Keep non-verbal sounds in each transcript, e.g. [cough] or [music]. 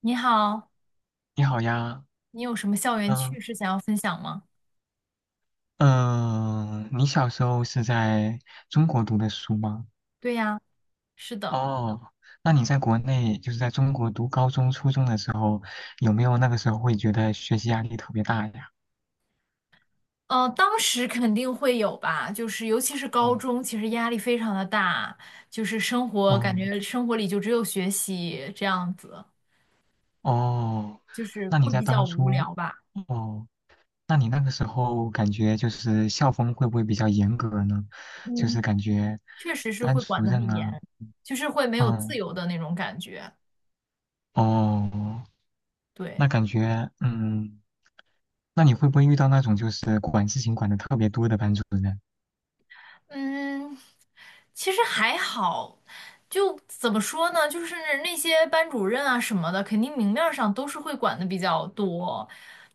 你好，你好呀。你有什么校园嗯趣事想要分享吗？嗯，你小时候是在中国读的书吗？对呀，是的，哦，那你在国内，就是在中国读高中、初中的时候，有没有那个时候会觉得学习压力特别大呀？当时肯定会有吧，就是尤其是高哦中，其实压力非常的大，就是生活感哦觉生活里就只有学习这样子，哦，就是那你会在比较当无初，聊吧。哦，那你那个时候感觉就是校风会不会比较严格呢？就嗯，是感觉确实是班会管主得任很严，啊，就是会没有自嗯由的那种感觉。哦，对。那感觉嗯。那你会不会遇到那种就是管事情管的特别多的班主任？嗯，其实还好，就怎么说呢，就是那些班主任啊什么的，肯定明面儿上都是会管的比较多，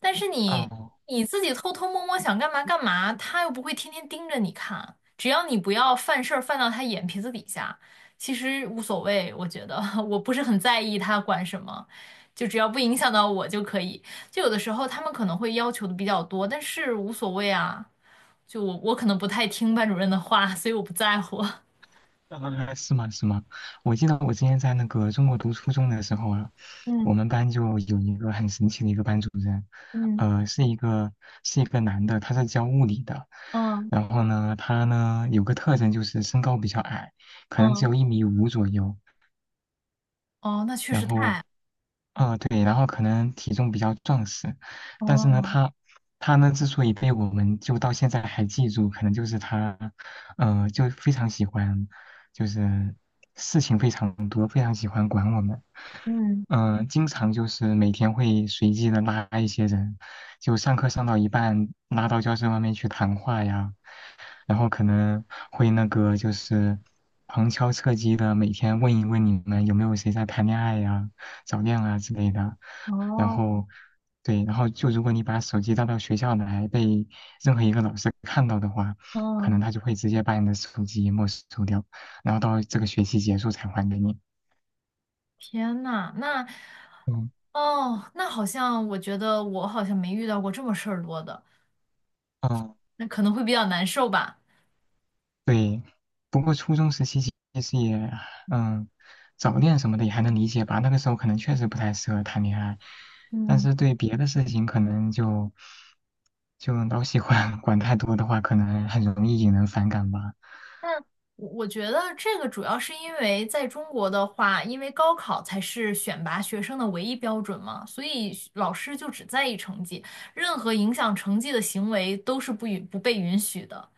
但是你哦，你自己偷偷摸摸想干嘛干嘛，他又不会天天盯着你看，只要你不要犯事儿犯到他眼皮子底下，其实无所谓，我觉得 [laughs] 我不是很在意他管什么，就只要不影响到我就可以。就有的时候他们可能会要求的比较多，但是无所谓啊。就我可能不太听班主任的话，所以我不在乎。[laughs] 是吗？是吗？我记得我之前在那个中国读初中的时候啊，嗯。我们班就有一个很神奇的一个班主任，嗯。呃，是一个是一个男的，他是教物理的。嗯。然后呢，他呢有个特征就是身高比较矮，可能只嗯。有1.5米左右，哦，那确然实后太，对，然后可能体重比较壮实，但是呢，哦。他呢之所以被我们就到现在还记住，可能就是他，就非常喜欢，就是事情非常多，非常喜欢管我们，嗯。经常就是每天会随机的拉一些人，就上课上到一半拉到教室外面去谈话呀，然后可能会那个就是旁敲侧击的每天问一问你们有没有谁在谈恋爱呀、早恋啊之类的。然哦。后对，然后就如果你把手机带到学校来，被任何一个老师看到的话，可嗯。能他就会直接把你的手机没收掉，然后到这个学期结束才还给你。天呐，那嗯，哦，那好像我觉得我好像没遇到过这么事儿多的，嗯，那可能会比较难受吧。对，不过初中时期其实也，嗯，早恋什么的也还能理解吧。那个时候可能确实不太适合谈恋爱，但嗯。是对别的事情可能就老喜欢 [laughs] 管太多的话，可能很容易引人反感吧。但我觉得这个主要是因为在中国的话，因为高考才是选拔学生的唯一标准嘛，所以老师就只在意成绩，任何影响成绩的行为都是不被允许的，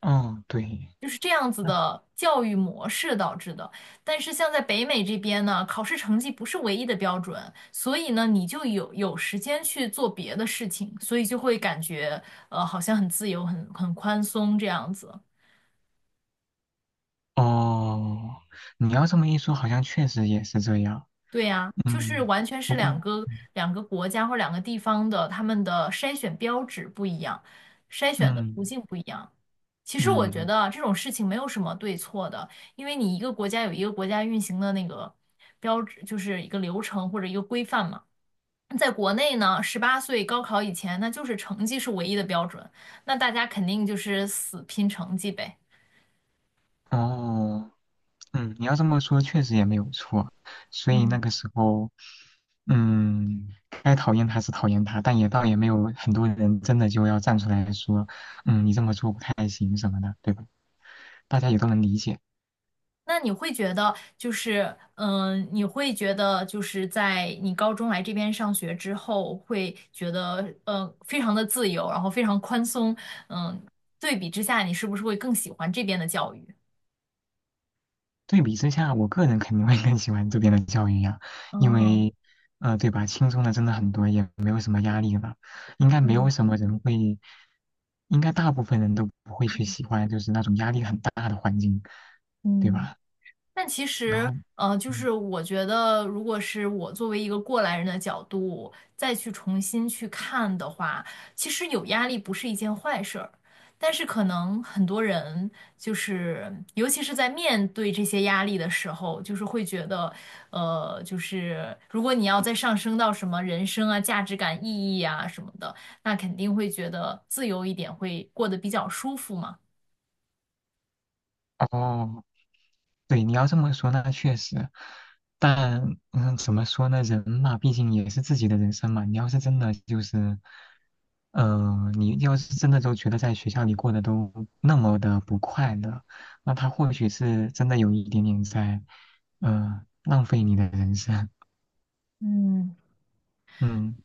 嗯，对，就是这样子那的教育模式导致的。但是像在北美这边呢，考试成绩不是唯一的标准，所以呢，你就有时间去做别的事情，所以就会感觉好像很自由、很宽松这样子。哦，你要这么一说，好像确实也是这样。对呀，就是嗯，完全不是过，两个国家或两个地方的他们的筛选标准不一样，筛选的途嗯径不一样。其实我觉嗯，得这种事情没有什么对错的，因为你一个国家有一个国家运行的那个标志，就是一个流程或者一个规范嘛。在国内呢，18岁高考以前，那就是成绩是唯一的标准，那大家肯定就是死拼成绩呗。嗯哦。嗯，你要这么说，确实也没有错。所以嗯，那个时候，嗯，该讨厌他是讨厌他，但也倒也没有很多人真的就要站出来说，你这么做不太行什么的，对吧？大家也对都能理解。那你会觉得就是，嗯，你会觉得就是在你高中来这边上学之后，会觉得，非常的自由，然后非常宽松，嗯，对比之下，你是不是会更喜欢这边的教育？对比之下，我个人肯定会更喜欢这边的教育呀，因哦，为，对吧，轻松的真的很多，也没有什么压力了，应该没有嗯什么人会，应该大部分人都不会去喜欢就是那种压力很大的环境，对嗯。吧？但其然实，后。就嗯。是我觉得，如果是我作为一个过来人的角度，再去重新去看的话，其实有压力不是一件坏事儿。但是可能很多人就是，尤其是在面对这些压力的时候，就是会觉得，就是如果你要再上升到什么人生啊、价值感、意义啊什么的，那肯定会觉得自由一点会过得比较舒服嘛。哦，对，你要这么说，那确实，但怎么说呢？人嘛，毕竟也是自己的人生嘛。你要是真的都觉得在学校里过得都那么的不快乐，那他或许是真的有一点点在，浪费你的人生。嗯，嗯，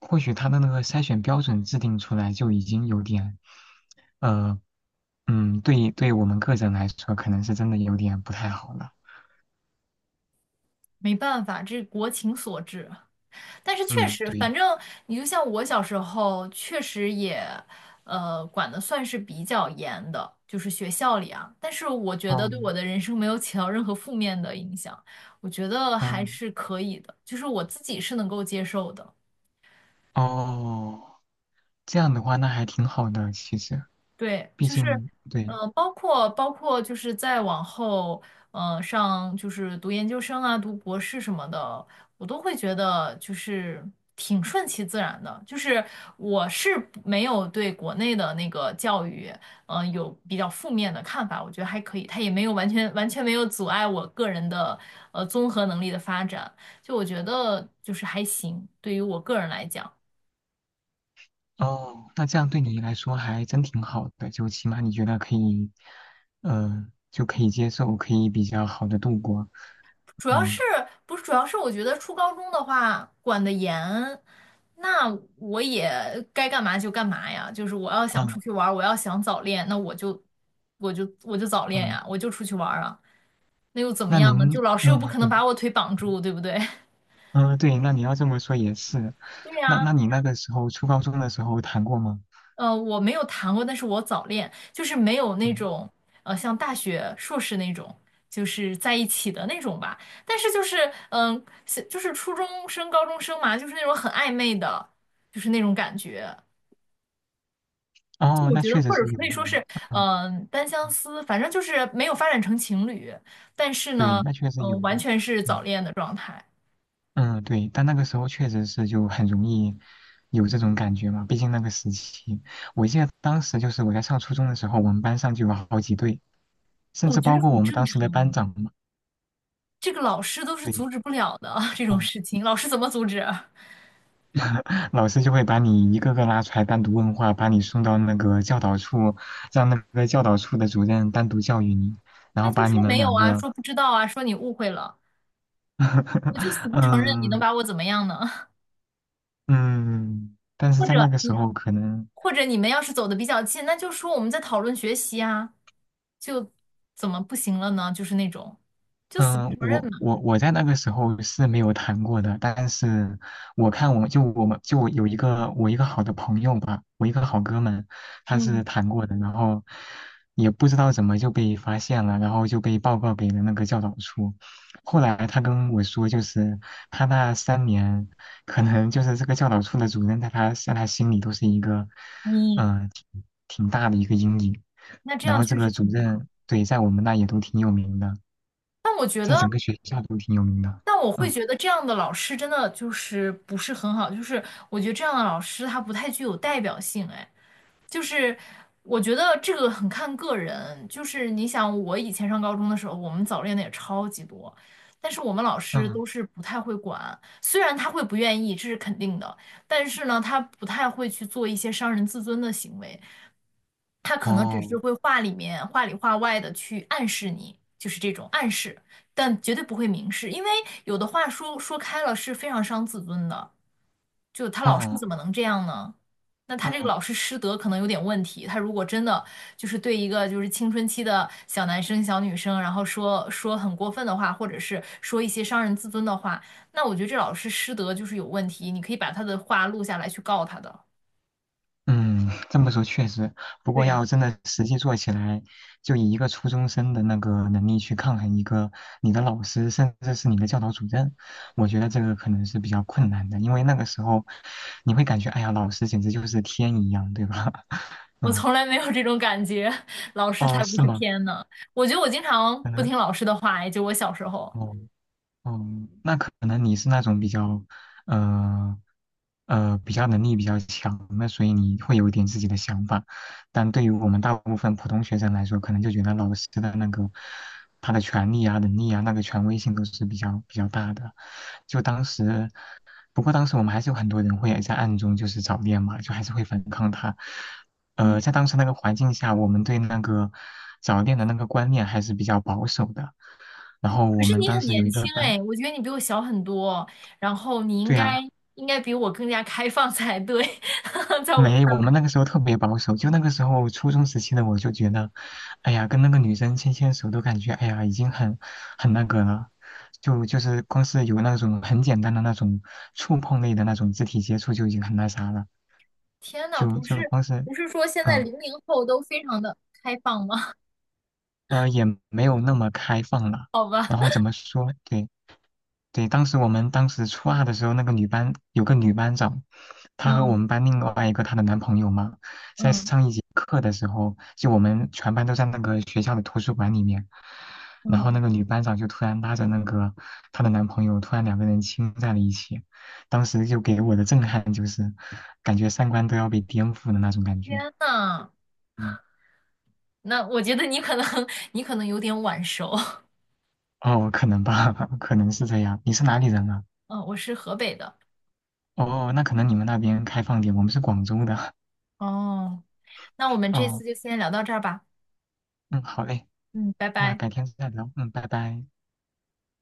或许他的那个筛选标准制定出来就已经有点，呃，嗯，对，对我们个人来说，可能是真的有点不太好了。没办法，这是国情所致。但是确嗯，实，对。反正你就像我小时候，确实也，管的算是比较严的，就是学校里啊。但是我觉哦得对我的人生没有起到任何负面的影响，我觉得还哦是可以的，就是我自己是能够接受的。哦，这样的话那还挺好的，其实，对，毕就是，竟对包括就是再往后，上就是读研究生啊，读博士什么的，我都会觉得就是挺顺其自然的。就是我是不没有对国内的那个教育，有比较负面的看法，我觉得还可以，它也没有完全没有阻碍我个人的综合能力的发展，就我觉得就是还行，对于我个人来讲。哦，那这样对你来说还真挺好的，就起码你觉得可以，嗯，就可以接受，可以比较好的度过。主要嗯是不是主要是我觉得初高中的话管得严，那我也该干嘛就干嘛呀。就是我要想嗯出去玩儿我要想早恋，那我就早恋嗯，呀，我就出去玩儿啊。那又怎么样呢？就老师又不嗯可能对把我腿绑住，对不对？[laughs] 嗯对，那你要这么说也是，对那呀、那你那个时候初高中的时候谈过吗？我没有谈过，但是我早恋，就是没有那嗯种像大学、硕士那种，就是在一起的那种吧。但是就是，是就是初中生、高中生嘛，就是那种很暧昧的，就是那种感觉。就哦，我那觉得，确实或者是有可的，以说是，嗯嗯、单相嗯思，反正就是没有发展成情侣，但是对，呢，那确实有完的，全是早嗯。恋的状态，嗯，对，但那个时候确实是就很容易有这种感觉嘛，毕竟那个时期，我记得当时就是我在上初中的时候，我们班上就有好几对，甚我至觉包得括很我们正当时的班常。长嘛，这个老师都是对，阻止不了的 [laughs] 这种嗯，事情，老师怎么阻止啊？[laughs] 老师就会把你一个个拉出来单独问话，把你送到那个教导处，让那个教导处的主任单独教育你，然那后就把你说们没有两啊，个 说不知道啊，说你误会了，我就死 [laughs] 不承认，你能嗯把我怎么样呢？[laughs] 嗯，但是或在者那个时你，候可能。或者你们要是走的比较近，那就说我们在讨论学习啊，就怎么不行了呢？就是那种，就死不嗯，承认我嘛。我我在那个时候是没有谈过的，但是我看我就我们就我有一个好的朋友吧，我一个好哥们，他是嗯，谈过的，然后也不知道怎么就被发现了，然后就被报告给了那个教导处。后来他跟我说，就是他那3年，可能就是这个教导处的主任在他心里都是一个，你挺大的一个阴影。那这然样后这确实个主挺不好，任对在我们那也都挺有名的。但我觉在得。整个学校都挺有名的。但我会嗯觉得这样的老师真的就是不是很好，就是我觉得这样的老师他不太具有代表性，哎，就是我觉得这个很看个人，就是你想我以前上高中的时候，我们早恋的也超级多，但是我们老师都嗯，是不太会管，虽然他会不愿意，这是肯定的，但是呢，他不太会去做一些伤人自尊的行为，他可能只是哦，会话里面话里话外的去暗示你，就是这种暗示。但绝对不会明示，因为有的话说开了是非常伤自尊的。就他老师怎嗯么能这样呢？那他这个嗯老师师德可能有点问题。他如果真的就是对一个就是青春期的小男生、小女生，然后说说很过分的话，或者是说一些伤人自尊的话，那我觉得这老师师德就是有问题。你可以把他的话录下来去告他的。嗯，这么说确实，不对过呀 要真的实际做起来，就以一个初中生的那个能力去抗衡一个你的老师，甚至是你的教导主任，我觉得这个可能是比较困难的，因为那个时候你会感觉，哎呀，老师简直就是天一样，对吧？[laughs] [laughs]，我嗯，从来没有这种感觉，[laughs] 老师哦，才不是是吗？天呢。我觉得我经常可不能，听老师的话，也就我小时候。哦。嗯，那可能你是那种比较，呃，比较能力比较强的，所以你会有一点自己的想法。但对于我们大部分普通学生来说，可能就觉得老师的那个他的权利啊、能力啊、那个权威性都是比较大的。就当时，不过当时我们还是有很多人会在暗中就是早恋嘛，就还是会反抗他。在嗯。当时那个环境下，我们对那个早恋的那个观念还是比较保守的。然后可我是们你当很时有年一个轻班，哎，我觉得你比我小很多，然后你应对呀，该应该比我更加开放才对，[laughs] 在我没，看我来，们那个时候特别保守，就那个时候初中时期的我就觉得，哎呀，跟那个女生牵牵手都感觉，哎呀，已经很那个了，就是光是有那种很简单的那种触碰类的那种肢体接触就已经很那啥了，天呐，就就光是，不是说现在嗯。00后都非常的开放吗？[laughs] 也没有那么开放了。好吧，然后怎么说？对，对，我们当时初二的时候，那个女班有个女班长，她和我嗯。们班另外一个她的男朋友嘛，在嗯。上一节课的时候，就我们全班都在那个学校的图书馆里面，然后那嗯，个女班长就突然拉着那个她的男朋友，突然两个人亲在了一起，当时就给我的震撼就是，感觉三观都要被颠覆的那种感觉。天呐，嗯，那我觉得你可能 [laughs] 你可能有点晚熟，[laughs] 哦，可能吧，[laughs] 可能是这样。你是哪里人啊？嗯，我是河北的，哦，那可能你们那边开放点，我们是广州的。哦，那 [laughs] 我们这哦，次就先聊到这儿吧，嗯，好嘞，嗯，拜那拜。改天再聊。嗯，拜拜。